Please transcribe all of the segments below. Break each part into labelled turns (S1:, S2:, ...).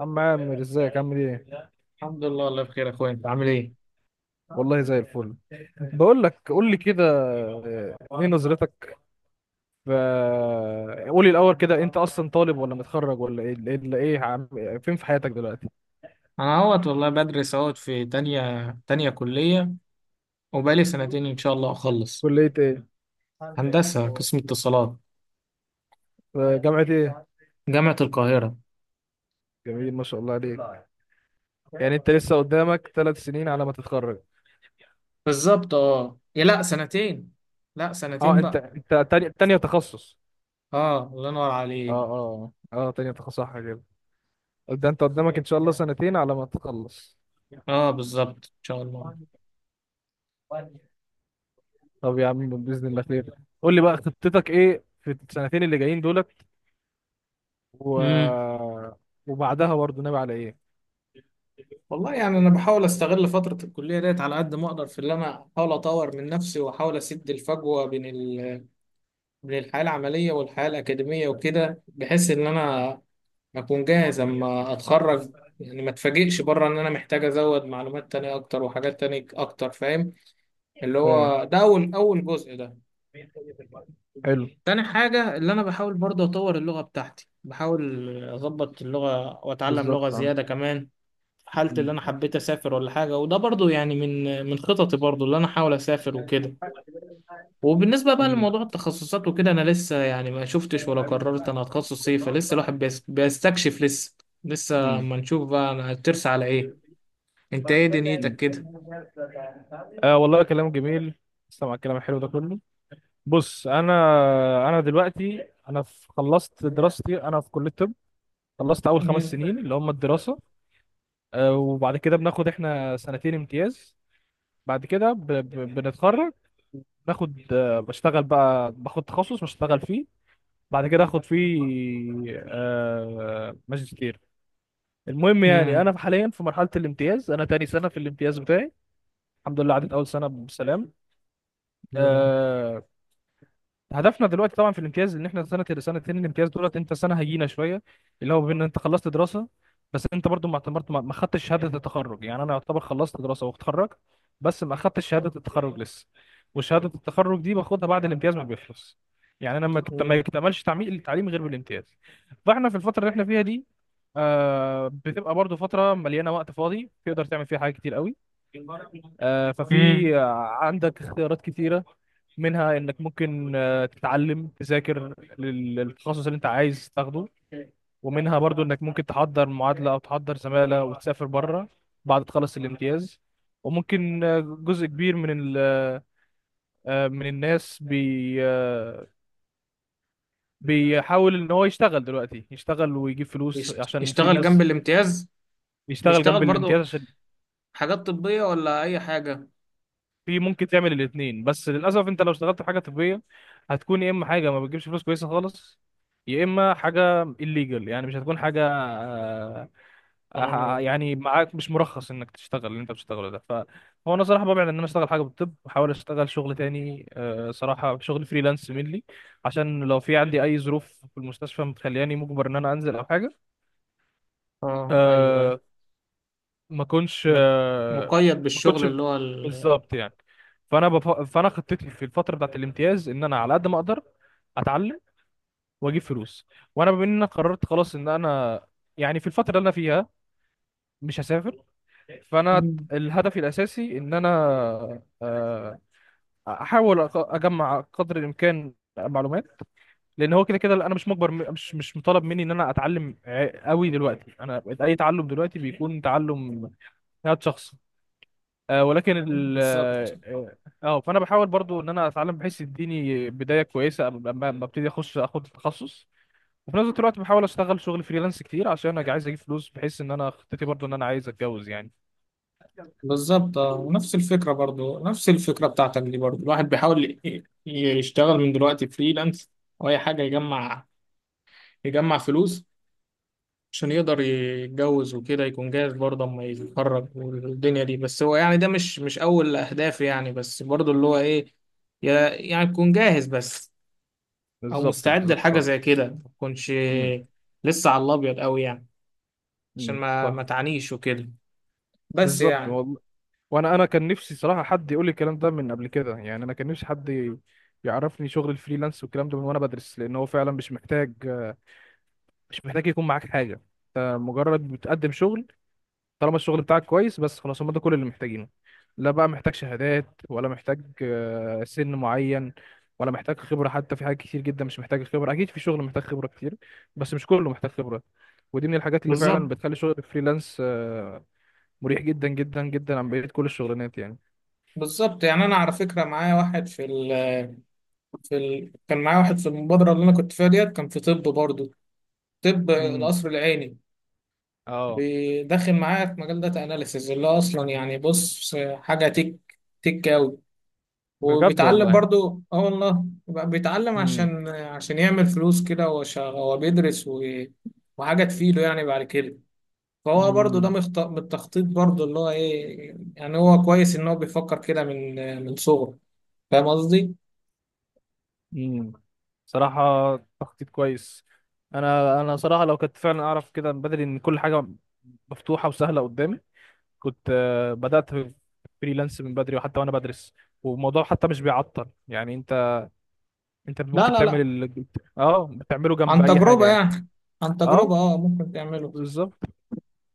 S1: عم عامر، ازيك؟ عامل ايه؟
S2: الحمد لله. الله بخير يا اخويا، انت عامل ايه؟
S1: والله زي الفل. بقول لك، قول لي كده، ايه نظرتك في قولي الاول كده، انت اصلا طالب ولا متخرج ولا ايه ايه ايه إيه عم... فين في حياتك دلوقتي؟
S2: انا اهوت والله، بدرس اهوت في تانية كلية، وبقالي سنتين ان شاء الله اخلص.
S1: كلية ايه؟
S2: هندسة، قسم اتصالات.
S1: في جامعة ايه؟
S2: جامعة القاهرة.
S1: جميل، ما شاء الله عليك. يعني انت لسه قدامك 3 سنين على ما تتخرج.
S2: بالظبط اه، يا لا سنتين. لا،
S1: اه،
S2: سنتين
S1: انت
S2: بقى.
S1: انت تاني تانية تخصص.
S2: اه، الله ينور عليك.
S1: اه، تانية تخصص، صح كده. ده انت قدامك ان شاء الله سنتين على ما تخلص.
S2: اه بالظبط ان شاء الله.
S1: طب يا عم، باذن الله خير. قول لي بقى، خطتك ايه في السنتين اللي جايين دول و...
S2: امم.
S1: وبعدها برضه ناوي على ايه؟
S2: والله يعني انا بحاول استغل فترة الكلية ديت على قد ما اقدر، في اللي انا احاول اطور من نفسي واحاول اسد الفجوة بين بين الحياة العملية والحياة الأكاديمية، وكده بحيث إن أنا اكون جاهز اما اتخرج. يعني ما اتفاجئش بره ان انا محتاج ازود معلومات تانية اكتر وحاجات تانية اكتر، فاهم. اللي
S1: فاهم.
S2: هو ده اول جزء ده.
S1: حلو.
S2: تاني حاجة اللي انا بحاول برضه اطور اللغة بتاعتي، بحاول اظبط اللغة واتعلم لغة
S1: بالظبط، عم.
S2: زيادة كمان، في حالة اللي انا
S1: مم.
S2: حبيت اسافر ولا حاجة. وده برضه يعني من خططي، برضه اللي انا احاول اسافر وكده. وبالنسبة بقى
S1: مم.
S2: لموضوع التخصصات وكده، انا لسه يعني ما شفتش ولا قررت انا هتخصص ايه، فلسه الواحد بيستكشف لسه.
S1: مم.
S2: لسه
S1: مم.
S2: ما نشوف بقى انا هترسى على ايه. انت ايه دنيتك كده؟
S1: آه، والله كلام جميل. استمع الكلام الحلو ده كله. بص، انا دلوقتي، انا في، خلصت دراستي، انا في كليه الطب. خلصت اول خمس
S2: مم.
S1: سنين اللي هم الدراسه. آه، وبعد كده بناخد احنا سنتين امتياز. بعد كده بنتخرج. ناخد بشتغل بقى، باخد تخصص بشتغل فيه، بعد كده اخد فيه ماجستير. المهم يعني
S2: مم.
S1: انا حاليا في مرحله الامتياز، انا تاني سنه في الامتياز بتاعي. الحمد لله، عدت اول سنه بسلام.
S2: الحمد لله.
S1: آه هدفنا دلوقتي طبعا في الامتياز، ان احنا سنه، سنتين الامتياز دولت انت سنه هيجينا شويه، اللي هو بين انت خلصت دراسه، بس انت برضو ما اعتبرت، ما خدتش شهاده التخرج، يعني انا يعتبر خلصت دراسه واتخرج، بس ما خدتش شهاده التخرج لسه. وشهاده التخرج دي باخدها بعد الامتياز ما بيخلص، يعني انا ما
S2: مم.
S1: اكتملش تعميق التعليم غير بالامتياز. فاحنا في الفتره اللي احنا فيها دي، بتبقى برضو فتره مليانه وقت فاضي، تقدر تعمل فيها حاجات كتير قوي.
S2: مم.
S1: ففي عندك اختيارات كتيره. منها انك ممكن تتعلم، تذاكر للتخصص اللي انت عايز تاخده. ومنها برضو انك ممكن تحضر معادلة او تحضر زمالة وتسافر بره بعد تخلص الامتياز. وممكن جزء كبير من ال آه، من الناس بي آه، بيحاول ان هو يشتغل دلوقتي، يشتغل ويجيب فلوس،
S2: يشت-
S1: عشان في
S2: يشتغل جنب
S1: ناس
S2: الامتياز؟
S1: بيشتغل
S2: بيشتغل
S1: جنب الامتياز،
S2: برضه
S1: عشان
S2: حاجات طبية ولا اي حاجة؟
S1: في ممكن تعمل الاثنين. بس للاسف انت لو اشتغلت في حاجه طبيه، هتكون يا اما حاجه ما بتجيبش فلوس كويسه خالص، يا اما حاجه الليجل، يعني مش هتكون حاجه آه،
S2: قانونية.
S1: يعني معاك مش مرخص انك تشتغل اللي انت بتشتغله ده. فهو انا صراحه ببعد ان انا اشتغل حاجه بالطب، بحاول اشتغل شغل تاني، صراحه شغل فريلانس منلي، عشان لو في عندي اي ظروف في المستشفى متخلياني مجبر ان انا انزل او حاجه،
S2: اه ايوه ايوه.
S1: آه، ما كنتش
S2: مك- مقيد
S1: ما
S2: بالشغل
S1: كنتش،
S2: اللي هو
S1: بالظبط يعني. فانا خطتي في الفتره بتاعت الامتياز ان انا على قد ما اقدر اتعلم واجيب فلوس. وانا بما ان انا قررت خلاص ان انا، يعني في الفتره اللي انا فيها، مش هسافر، فانا
S2: مم.
S1: الهدف الاساسي ان انا آه، احاول اجمع قدر الامكان معلومات، لان هو كده كده انا مش مجبر، مش مطالب مني ان انا اتعلم قوي دلوقتي، انا اي تعلم دلوقتي بيكون تعلم ذات شخص، ولكن ال
S2: بالظبط
S1: اه آه، فانا بحاول برضو ان انا اتعلم بحيث يديني بدايه كويسه قبل ما ابتدي اخش اخد التخصص. وفي نفس الوقت بحاول اشتغل شغل فريلانس كتير، عشان انا عايز اجيب فلوس، بحيث ان انا خطتي برضو ان انا عايز اتجوز يعني.
S2: بالظبط اه، ونفس الفكرة برضو، نفس الفكرة بتاعتك دي، برضو الواحد بيحاول يشتغل من دلوقتي فريلانس أو أي حاجة، يجمع. يجمع فلوس عشان يقدر يتجوز وكده، يكون جاهز برضه اما يتخرج والدنيا دي. بس هو يعني ده مش اول اهداف يعني، بس برضه اللي هو ايه، يعني تكون جاهز بس، او
S1: بالظبط،
S2: مستعد
S1: بالظبط،
S2: لحاجه
S1: فاهم.
S2: زي كده، ما تكونش
S1: مم.
S2: لسه على الابيض قوي يعني. عشان
S1: مم.
S2: ما
S1: فاهم.
S2: تعانيش وكده. بس
S1: بالظبط،
S2: يعني.
S1: والله. وانا كان نفسي صراحه حد يقول لي الكلام ده من قبل كده، يعني انا كان نفسي حد يعرفني شغل الفريلانس والكلام ده من وانا بدرس. لان هو فعلا مش محتاج، مش محتاج يكون معاك حاجه، انت مجرد بتقدم شغل، طالما الشغل بتاعك كويس بس، خلاص، هم ده كل اللي محتاجينه. لا بقى محتاج شهادات، ولا محتاج سن معين، ولا محتاج خبرة حتى في حاجات كتير جدا. مش محتاج خبرة. أكيد في شغل محتاج خبرة كتير، بس مش كله محتاج خبرة. ودي من الحاجات اللي فعلا
S2: بالظبط
S1: بتخلي شغل الفريلانس مريح جدا جدا جدا عن بقية كل الشغلانات يعني.
S2: بالظبط يعني، انا على فكره معايا واحد كان معايا واحد في المبادره اللي انا كنت فيها ديت، كان في طب برضه. طب
S1: امم.
S2: القصر العيني.
S1: اه،
S2: بداخل معايا في مجال داتا اناليسز، اللي هو اصلا يعني بص حاجه تك، تك قوي.
S1: بجد؟
S2: وبيتعلم
S1: والله.
S2: برضو، اه والله يبقى بيتعلم
S1: امم.
S2: عشان يعمل فلوس كده. هو هو بيدرس وحاجه تفيده يعني بعد كده. فهو برضو ده
S1: امم.
S2: من التخطيط، برضو اللي هو ايه يعني، هو كويس ان هو بيفكر كده من صغره. فاهم قصدي؟
S1: امم. صراحة تخطيط كويس. انا صراحة لو كنت فعلا اعرف كده من بدري ان كل حاجة مفتوحة وسهلة قدامي، كنت بدأت في فريلانس من بدري، وحتى وانا بدرس. والموضوع حتى مش بيعطل، يعني انت، انت
S2: لا
S1: ممكن
S2: لا
S1: تعمل
S2: لا.
S1: ال... اه، بتعمله جنب
S2: عن
S1: اي حاجة
S2: تجربه
S1: يعني.
S2: يعني. عن
S1: اه،
S2: تجربه، اه ممكن تعمله.
S1: بالظبط.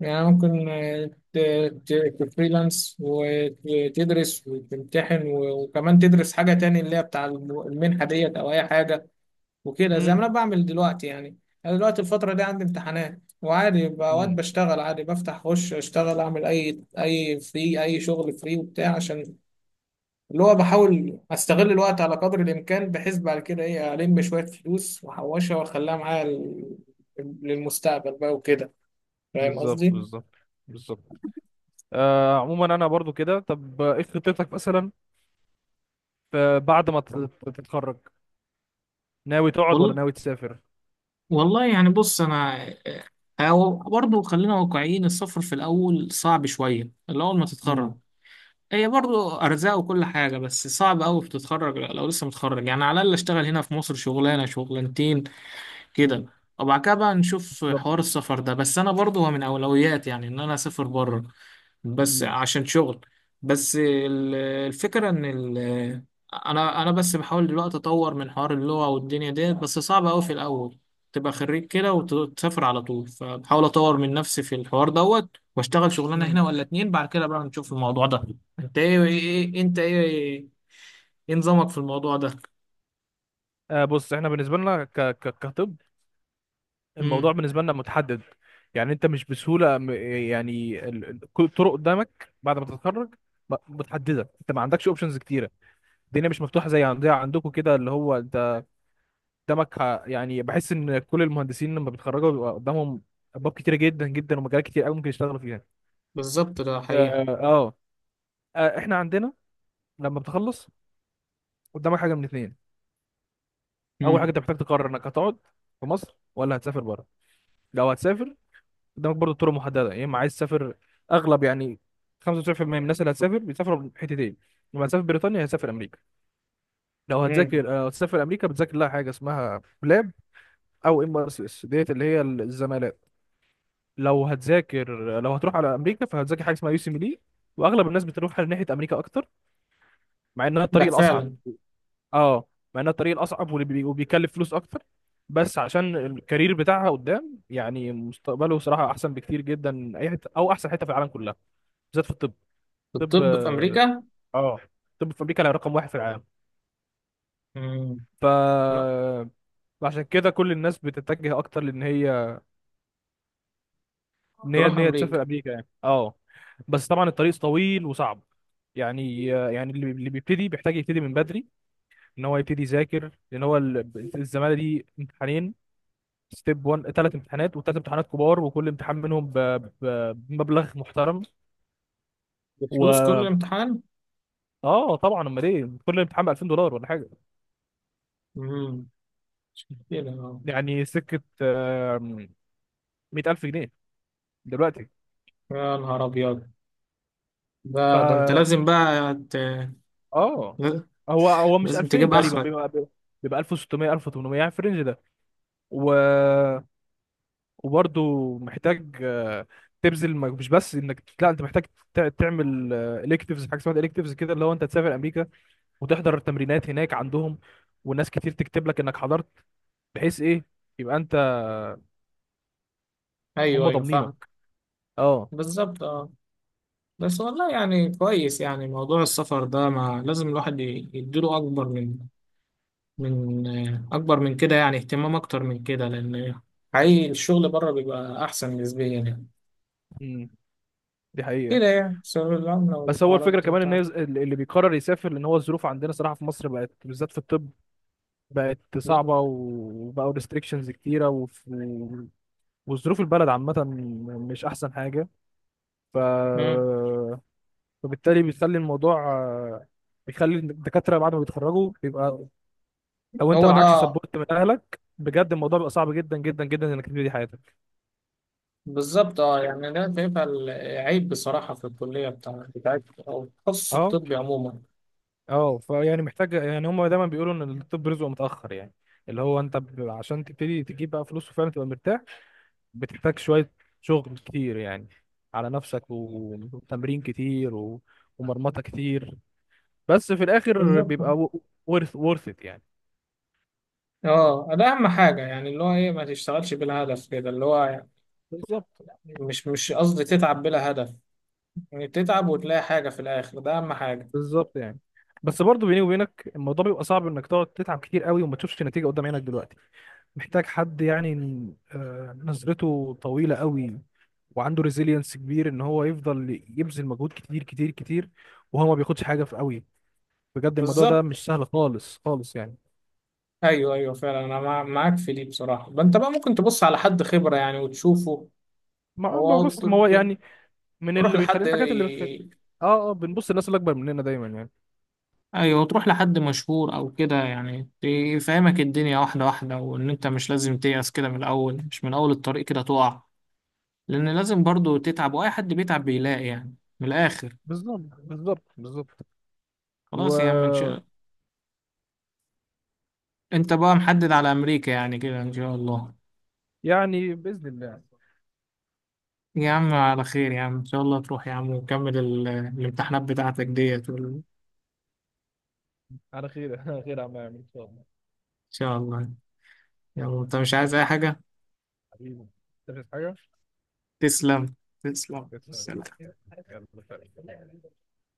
S2: يعني ممكن آه، تفريلانس وتدرس وتمتحن، وكمان تدرس حاجة تاني، اللي هي بتاع المنحة ديت أو أي حاجة. وكده زي ما
S1: امم.
S2: أنا بعمل دلوقتي يعني. أنا دلوقتي الفترة دي عندي امتحانات، وعادي أوقات
S1: امم.
S2: بشتغل عادي، بفتح أخش أشتغل أعمل أي شغل فري وبتاع، عشان اللي هو بحاول أستغل الوقت على قدر الإمكان، بحيث بعد كده إيه، ألم شوية فلوس وأحوشها وأخليها معايا للمستقبل بقى وكده. فاهم
S1: بالظبط،
S2: قصدي؟
S1: بالظبط، بالظبط. عموما انا برضو كده، طب ايه خطتك مثلا بعد ما تتخرج؟ ناوي تقعد ولا ناوي تسافر؟
S2: والله يعني بص انا، أو برضه خلينا واقعيين، السفر في الاول صعب شويه، الاول ما تتخرج.
S1: امم.
S2: هي برضه ارزاق وكل حاجه، بس صعب قوي بتتخرج لو لسه متخرج يعني. على الاقل اشتغل هنا في مصر شغلانه شغلانتين كده،
S1: امم.
S2: وبعد كده بقى نشوف
S1: بالظبط.
S2: حوار السفر ده. بس انا برضه هو من اولوياتي يعني، ان انا اسافر بره. بس
S1: امم.
S2: عشان شغل. بس الفكرة ان ال انا بس بحاول دلوقتي اطور من حوار اللغة والدنيا ديت. بس صعب قوي في الاول تبقى خريج كده وتسافر على طول. فبحاول اطور من نفسي في الحوار دوت، واشتغل شغلانة هنا
S1: امم.
S2: ولا اتنين، بعد كده بقى نشوف الموضوع ده. انت ايه, إيه إيه، انت ايه ايه نظامك في الموضوع ده؟
S1: بص، احنا بالنسبة لنا كطب،
S2: امم.
S1: الموضوع بالنسبة لنا متحدد، يعني انت مش بسهولة يعني كل الطرق قدامك بعد ما تتخرج متحددة، انت ما عندكش اوبشنز كتيرة. الدنيا مش مفتوحة زي عندها، عندكم كده اللي هو انت قدامك يعني بحس ان كل المهندسين لما بيتخرجوا بيبقى قدامهم ابواب كتيرة جدا جدا ومجالات كتير قوي ممكن يشتغلوا فيها.
S2: بالظبط، ده حقيقة.
S1: اه، اه. اه، احنا عندنا لما بتخلص قدامك حاجة من اتنين. اول حاجة،
S2: امم.
S1: انت محتاج تقرر انك هتقعد في مصر ولا هتسافر بره. لو هتسافر، قدامك برضه طرق محدده. يا اما عايز تسافر، اغلب يعني 95% من الناس اللي هتسافر بيسافروا حتتين، لما هتسافر بريطانيا هتسافر امريكا. لو هتذاكر،
S2: امم.
S1: لو هتسافر امريكا، بتذاكر لها حاجه اسمها بلاب او ام ار سي اس ديت، اللي هي الزمالات. لو هتذاكر، لو هتروح على امريكا، فهتذاكر حاجه اسمها يو سي ميلي. واغلب الناس بتروح ناحيه امريكا اكتر، مع انها
S2: ده
S1: الطريق الاصعب.
S2: فعلا.
S1: اه، مع انها الطريق الاصعب واللي وبيكلف فلوس اكتر، بس عشان الكارير بتاعها قدام يعني، مستقبله صراحه احسن بكتير جدا من اي حته، او احسن حته في العالم كلها، بالذات في الطب. طب.
S2: الطب في امريكا.
S1: اه، طب في امريكا رقم واحد في العالم.
S2: امم.
S1: ف، عشان كده كل الناس بتتجه اكتر لان هي ان هي
S2: تروح
S1: ان هي تسافر
S2: امريكا.
S1: امريكا يعني، اه. بس طبعا الطريق طويل وصعب، يعني اللي بيبتدي بيحتاج يبتدي من بدري، ان هو يبتدي يذاكر، لان هو الزماله دي امتحانين، ستيب 1، ثلاث امتحانات وثلاث امتحانات كبار، وكل امتحان منهم بمبلغ محترم. و،
S2: بفلوس كل امتحان؟
S1: اه طبعا، امال ايه، كل امتحان ب 2000 دولار ولا حاجه،
S2: مم. مش مشكلة اه.
S1: يعني سكه، آم، 100000 جنيه دلوقتي.
S2: يا نهار أبيض. ده أنت
S1: فا،
S2: لازم بقى
S1: اه، هو مش
S2: لازم
S1: 2000
S2: تجيب
S1: تقريبا،
S2: آخرك.
S1: بيبقى، بيبقى 1600، 1800 يعني في الرينج ده و... وبرضه محتاج تبذل مش بس انك، لا انت محتاج تعمل الكتيفز، حاجه اسمها الكتيفز كده، اللي هو انت تسافر امريكا وتحضر التمرينات هناك عندهم، وناس كتير تكتب لك انك حضرت، بحيث ايه، يبقى انت
S2: أيوه
S1: هم
S2: أيوه
S1: ضامنينك.
S2: فاهم.
S1: اه.
S2: بالظبط أه. بس والله يعني كويس، يعني موضوع السفر ده ما لازم الواحد يديله أكبر من، من آه، أكبر من كده، يعني اهتمام أكتر من كده، لأن حقيقي الشغل بره بيبقى أحسن نسبيا يعني.
S1: امم. دي حقيقه.
S2: كده يعني، سبب العملة
S1: بس هو
S2: والحوارات
S1: الفكره
S2: دي
S1: كمان ان
S2: بتاعت.
S1: اللي بيقرر يسافر، لان هو الظروف عندنا صراحه في مصر بقت، بالذات في الطب بقت صعبة، وبقوا ريستريكشنز كتيرة، وظروف البلد عامة مش أحسن حاجة. ف...
S2: مم.
S1: فبالتالي بيخلي الموضوع بيخلي الدكاترة بعد ما بيتخرجوا بيبقى، لو أنت
S2: هو
S1: معكش
S2: ده.
S1: سبورت من أهلك بجد، الموضوع بيبقى صعب جدا جدا جدا إنك تبتدي حياتك.
S2: بالظبط اه يعني، انا شايفها عيب بصراحه في الكليه بتاعت او التخصص
S1: اه،
S2: الطبي عموما.
S1: اه، فيعني محتاج يعني، هم دايما بيقولوا إن الطب رزقه متأخر، يعني اللي هو أنت عشان تبتدي تجيب بقى فلوس وفعلا تبقى مرتاح، بتحتاج شوية، شغل كتير يعني على نفسك، وتمرين كتير و... ومرمطة كتير، بس في الآخر
S2: بالظبط
S1: بيبقى ورث ات يعني.
S2: اه، ده اهم حاجه يعني، اللي هو ايه، ما تشتغلش بلا هدف كده اللي هو يعني.
S1: بالظبط،
S2: مش قصدي تتعب بلا هدف، يعني تتعب وتلاقي حاجه في الاخر، ده اهم حاجه.
S1: بالظبط يعني، بس برضه بيني وبينك الموضوع بيبقى صعب انك تقعد تتعب كتير قوي وما تشوفش نتيجة قدام عينك دلوقتي. محتاج حد يعني نظرته طويلة قوي وعنده ريزيلينس كبير، ان هو يفضل يبذل مجهود كتير كتير كتير وهو ما بياخدش حاجة في قوي. بجد الموضوع ده
S2: بالظبط.
S1: مش سهل خالص خالص يعني.
S2: ايوه ايوه فعلا، انا معاك في دي بصراحه. ما انت بقى ممكن تبص على حد خبره يعني وتشوفه هو،
S1: بص، ما هو يعني، من
S2: تروح
S1: اللي بيخلي
S2: لحد.
S1: الحاجات اللي بتخلي، اه، اه، بنبص الناس اللي اكبر مننا دايما يعني.
S2: ايوه، تروح لحد مشهور او كده يعني، يفهمك الدنيا واحده واحده، وان انت مش لازم تيأس كده من الاول، مش من اول الطريق كده تقع. لان لازم برضو تتعب، واي حد بيتعب بيلاقي يعني من الاخر.
S1: بالظبط، بالظبط، بالظبط. و،
S2: خلاص يا عم، انت بقى محدد على امريكا يعني كده ان شاء الله؟
S1: يعني باذن الله.
S2: يا عم على خير، يا عم ان شاء الله تروح يا عم، وكمل الامتحانات بتاعتك ديت، ان
S1: على خير. على خير يا عم عامر، ان شاء الله.
S2: شاء الله. يلا، انت مش عايز اي حاجه
S1: حبيبي. تفهم حاجه.
S2: تسلم. تسلم،
S1: يلا.
S2: سلام.
S1: سلام.